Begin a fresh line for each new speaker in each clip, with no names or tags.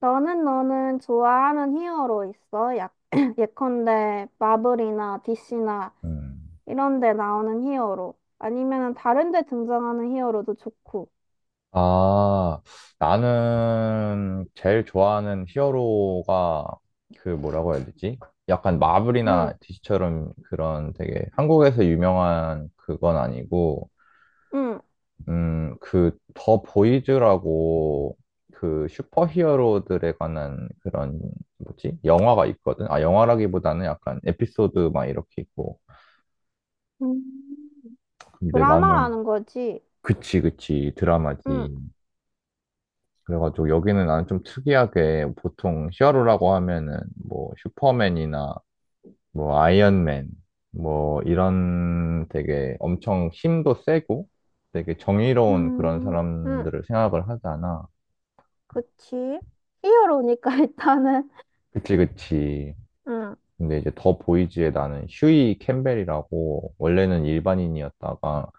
너는 좋아하는 히어로 있어? 예컨대 마블이나 DC나
음.
이런 데 나오는 히어로. 아니면은 다른 데 등장하는 히어로도 좋고.
아, 나는 제일 좋아하는 히어로가 그 뭐라고 해야 되지? 약간 마블이나
응,
DC처럼 그런 되게 한국에서 유명한 그건 아니고,
응.
그 더 보이즈라고 그 슈퍼 히어로들에 관한 그런 뭐지? 영화가 있거든? 아, 영화라기보다는 약간 에피소드 막 이렇게 있고.
음,
근데 나는
드라마라는 거지.
그치, 그치,
응,
드라마지. 그래가지고 여기는 나는 좀 특이하게 보통 히어로라고 하면은 뭐 슈퍼맨이나 뭐 아이언맨 뭐 이런 되게 엄청 힘도 세고 되게 정의로운 그런
음, 응.
사람들을 생각을 하잖아.
그치? 히어로니까 일단은.
그치, 그치.
응,
근데 이제 더 보이지에 나는 휴이 캠벨이라고 원래는 일반인이었다가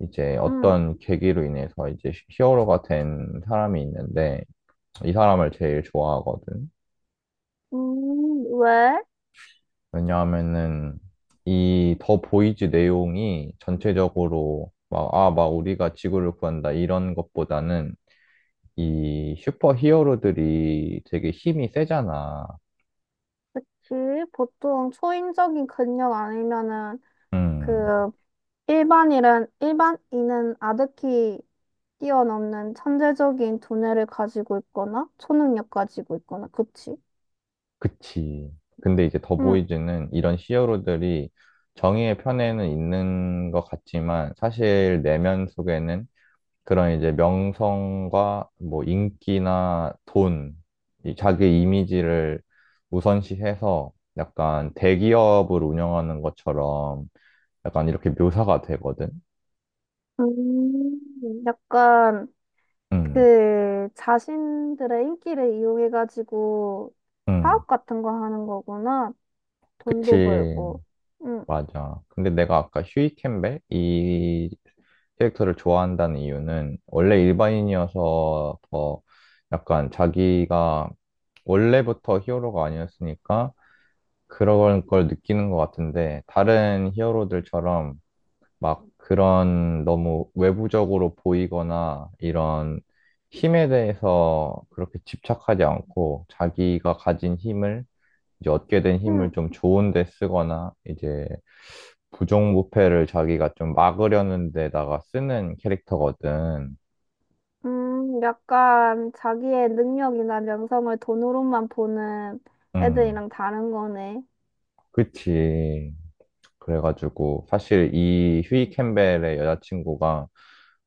이제
응.
어떤 계기로 인해서 이제 히어로가 된 사람이 있는데 이 사람을 제일 좋아하거든.
왜?
왜냐하면은 이 더 보이즈 내용이 전체적으로 막, 아, 막 우리가 지구를 구한다 이런 것보다는 이 슈퍼 히어로들이 되게 힘이 세잖아.
그치? 보통 초인적인 근력 아니면은
음,
그 일반인은 아득히 뛰어넘는 천재적인 두뇌를 가지고 있거나 초능력 가지고 있거나, 그치?
그치. 근데 이제 더
응.
보이즈는 이런 히어로들이 정의의 편에는 있는 것 같지만 사실 내면 속에는 그런 이제 명성과 뭐 인기나 돈, 이 자기 이미지를 우선시해서 약간 대기업을 운영하는 것처럼 약간 이렇게 묘사가 되거든.
약간
음,
그 자신들의 인기를 이용해가지고
음.
사업 같은 거 하는 거구나. 돈도
그치.
벌고. 응.
맞아. 근데 내가 아까 휴이 캠벨 이 캐릭터를 좋아한다는 이유는 원래 일반인이어서 더 약간 자기가 원래부터 히어로가 아니었으니까 그런 걸 느끼는 것 같은데, 다른 히어로들처럼 막 그런 너무 외부적으로 보이거나 이런 힘에 대해서 그렇게 집착하지 않고 자기가 가진 힘을, 이제 얻게 된
응.
힘을 좀 좋은 데 쓰거나 이제 부정부패를 자기가 좀 막으려는 데다가 쓰는 캐릭터거든.
약간 자기의 능력이나 명성을 돈으로만 보는
음,
애들이랑 다른 거네.
그치. 그래가지고 사실 이 휴이 캠벨의 여자친구가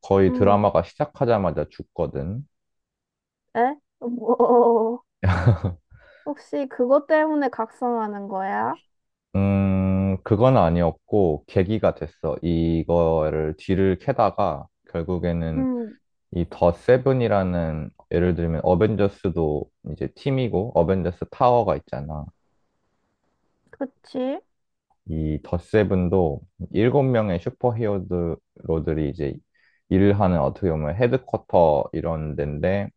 거의
응.
드라마가 시작하자마자 죽거든.
에? 뭐. 혹시 그것 때문에 각성하는 거야?
그건 아니었고 계기가 됐어. 이거를 뒤를 캐다가 결국에는
음,
이 더 세븐이라는 예를 들면 어벤져스도 이제 팀이고 어벤져스 타워가 있잖아.
그치?
이 더 세븐도 일곱 명의 슈퍼히어로들이 이제 일을 하는 어떻게 보면 헤드쿼터 이런 데인데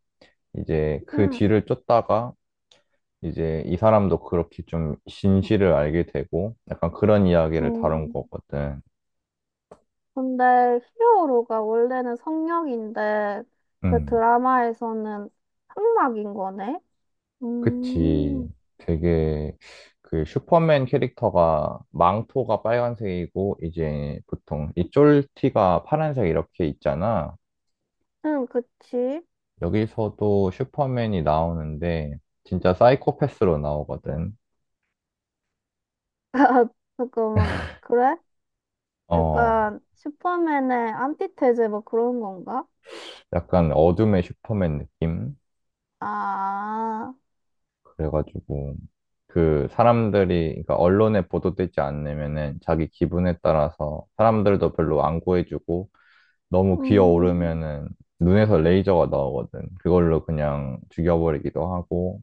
이제 그
음,
뒤를 쫓다가 이제 이 사람도 그렇게 좀 진실을 알게 되고 약간 그런 이야기를 다룬
음,
거거든.
근데 히어로가 원래는 성역인데 그
음,
드라마에서는 흑막인 거네?
그치.
음,
되게 그 슈퍼맨 캐릭터가 망토가 빨간색이고 이제 보통 이 쫄티가 파란색 이렇게 있잖아.
응 그치?
여기서도 슈퍼맨이 나오는데 진짜 사이코패스로 나오거든.
잠깐만, 그래?
어,
약간 슈퍼맨의 안티테제 뭐 그런 건가?
약간 어둠의 슈퍼맨 느낌?
아,
그래가지고 그 사람들이 그러니까 언론에 보도되지 않으면은 자기 기분에 따라서 사람들도 별로 안 구해주고 너무
음,
기어오르면은 눈에서 레이저가 나오거든. 그걸로 그냥 죽여버리기도 하고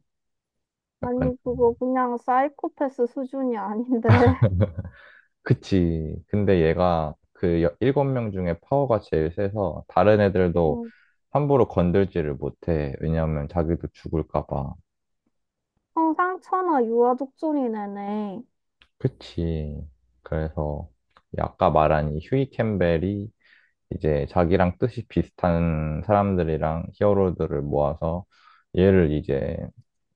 약간
아니 그거 그냥 사이코패스 수준이 아닌데.
그치. 근데 얘가 그 일곱 명 중에 파워가 제일 세서 다른 애들도 함부로 건들지를 못해. 왜냐하면 자기도 죽을까 봐.
청상천하 유아독존이네네.
그치. 그래서 이 아까 말한 이 휴이 캠벨이 이제 자기랑 뜻이 비슷한 사람들이랑 히어로들을 모아서 얘를 이제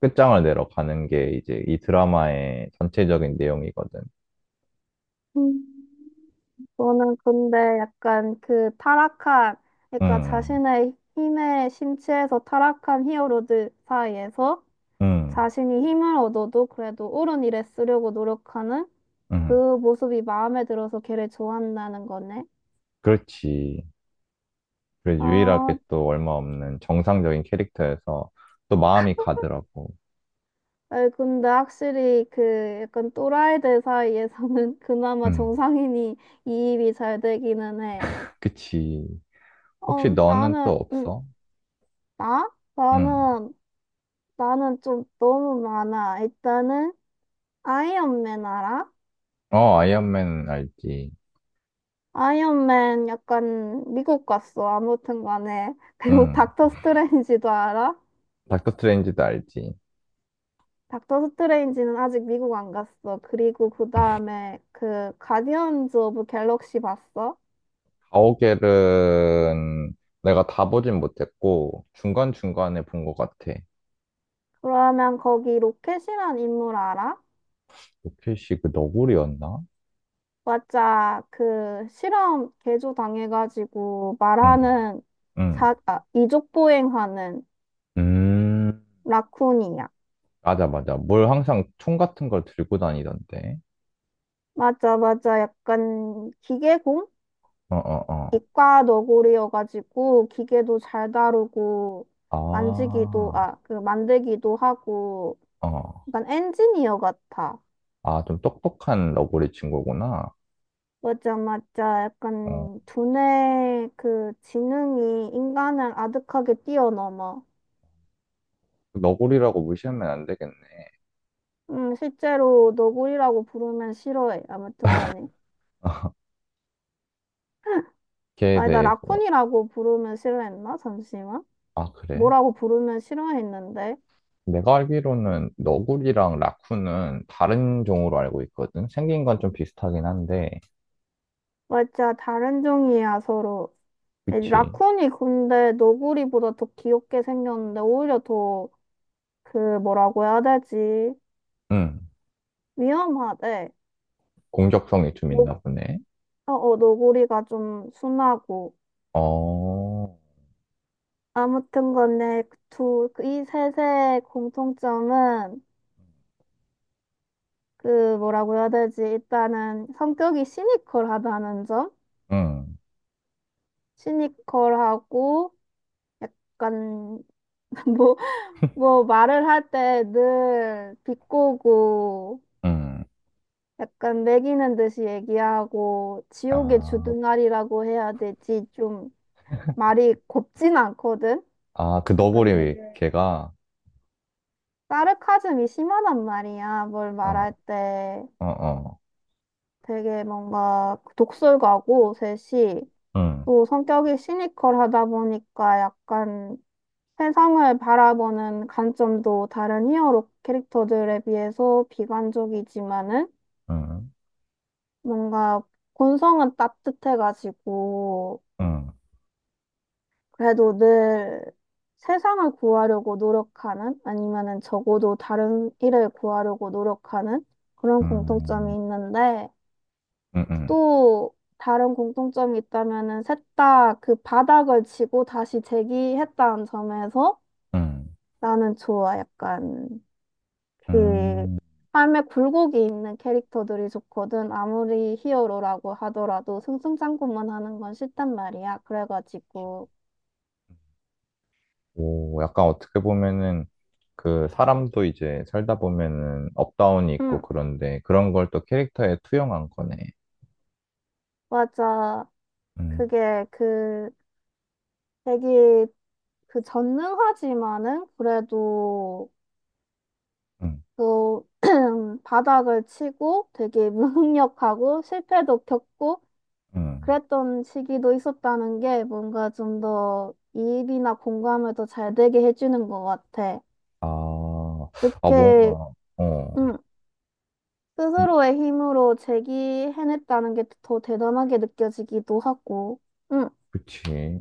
끝장을 내러 가는 게 이제 이 드라마의 전체적인 내용이거든.
음. 저는 근데 약간 그 타락한, 그러니까
음,
자신의 힘에 심취해서 타락한 히어로들 사이에서
음,
자신이 힘을 얻어도 그래도 옳은 일에 쓰려고 노력하는
음,
그 모습이 마음에 들어서 걔를 좋아한다는 거네.
그렇지. 그래,
아,
유일하게 또 얼마 없는 정상적인 캐릭터여서 또 마음이 가더라고.
아이, 근데 확실히 그 약간 또라이들 사이에서는 그나마
음,
정상인이 이입이 잘 되기는 해.
그치. 혹시
어,
너는 또
나는,
없어?
나?
음.
나는, 나는 좀 너무 많아. 일단은, 아이언맨 알아?
어, 아이언맨 알지.
아이언맨 약간 미국 갔어. 아무튼 간에. 그리고
음.
닥터 스트레인지도 알아?
닥터 스트레인지도 알지.
닥터 스트레인지는 아직 미국 안 갔어. 그리고 그 다음에 그 가디언즈 오브 갤럭시 봤어?
가오갤은 내가 다 보진 못했고 중간중간에 본 것 같아.
그러면 거기 로켓이란 인물 알아?
로켓이 그 너구리였나?
맞아 그 실험 개조 당해가지고
응,
말하는
응.
자, 아, 이족 보행하는
음,
라쿤이야.
맞아, 맞아. 뭘 항상 총 같은 걸 들고 다니던데.
맞아, 맞아. 약간 기계공?
어, 어, 어.
이과 너구리여가지고 기계도 잘 다루고
아,
만지기도, 아, 그 만들기도 하고
어.
약간 엔지니어 같아.
아, 좀 똑똑한 너구리 친구구나.
맞아, 맞아.
어.
약간 두뇌 그 지능이 인간을 아득하게 뛰어넘어.
너구리라고 무시하면 안 되겠네.
실제로 너구리라고 부르면 싫어해. 아무튼 간에.
걔에
아니, 나
대해서.
라쿤이라고 부르면 싫어했나? 잠시만.
아, 그래?
뭐라고 부르면 싫어했는데?
내가 알기로는 너구리랑 라쿤은 다른 종으로 알고 있거든. 생긴 건 좀 비슷하긴 한데.
맞아, 다른 종이야, 서로.
그치.
라쿤이 근데 너구리보다 더 귀엽게 생겼는데, 오히려 더, 그, 뭐라고 해야 되지?
응.
위험하대.
공격성이 좀
너,
있나 보네.
어, 어, 너구리가 좀 순하고.
어,
아무튼 간에, 그 두, 그이 셋의 공통점은, 그, 뭐라고 해야 되지? 일단은, 성격이 시니컬하다는 점?
응,
시니컬하고, 약간, 뭐, 뭐, 말을 할 때 늘 비꼬고,
응.
약간 매기는 듯이 얘기하고 지옥의
아,
주둥아리라고 해야 되지 좀 말이 곱진 않거든.
아, 그
약간
너구리
되게
개가,
사르카즘이 심하단 말이야. 뭘 말할
어,
때
어, 어,
되게 뭔가 독설가고 셋이
응,
또 성격이 시니컬하다 보니까 약간 세상을 바라보는 관점도 다른 히어로 캐릭터들에 비해서 비관적이지만은
응,
뭔가 본성은 따뜻해가지고
응,
그래도 늘 세상을 구하려고 노력하는 아니면은 적어도 다른 일을 구하려고 노력하는 그런 공통점이
응,
있는데
응, 응,
또 다른 공통점이 있다면은 셋 다 그 바닥을 치고 다시 재기했다는 점에서
응.
나는 좋아. 약간 그
응.
삶에 굴곡이 있는 캐릭터들이 좋거든. 아무리 히어로라고 하더라도 승승장구만 하는 건 싫단 말이야. 그래가지고
오, 약간 어떻게 보면은 그 사람도 이제 살다 보면은 업다운이 있고
응,
그런데 그런 걸 또 캐릭터에 투영한 거네.
맞아.
음,
그게 그 되게 그 전능하지만은 그래도
음,
또 바닥을 치고 되게 무능력하고 실패도 겪고
음.
그랬던 시기도 있었다는 게 뭔가 좀 더 이입이나 공감을 더 잘 되게 해주는 것 같아.
아, 아
그렇게
뭔가 어,
음,
음.
스스로의 힘으로 제기해냈다는 게 더 대단하게 느껴지기도 하고. 응,
그치.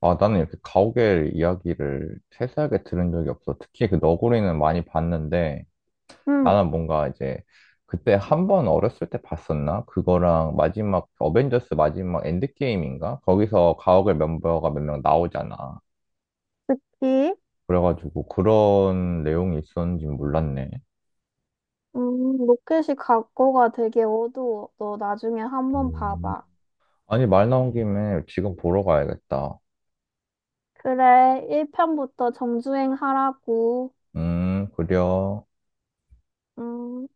아, 나는 이렇게 가오갤 이야기를 세세하게 들은 적이 없어. 특히 그 너구리는 많이 봤는데,
응,
나는 뭔가 이제, 그때 한 번 어렸을 때 봤었나? 그거랑 마지막, 어벤져스 마지막 엔드게임인가? 거기서 가오갤 멤버가 몇 명 나오잖아.
이
그래가지고 그런 내용이 있었는지 몰랐네.
로켓이 각고가 되게 어두워. 너 나중에 한번
음.
봐봐.
아니, 말 나온 김에 지금 보러 가야겠다.
그래, 1편부터 정주행 하라고.
그려.
음.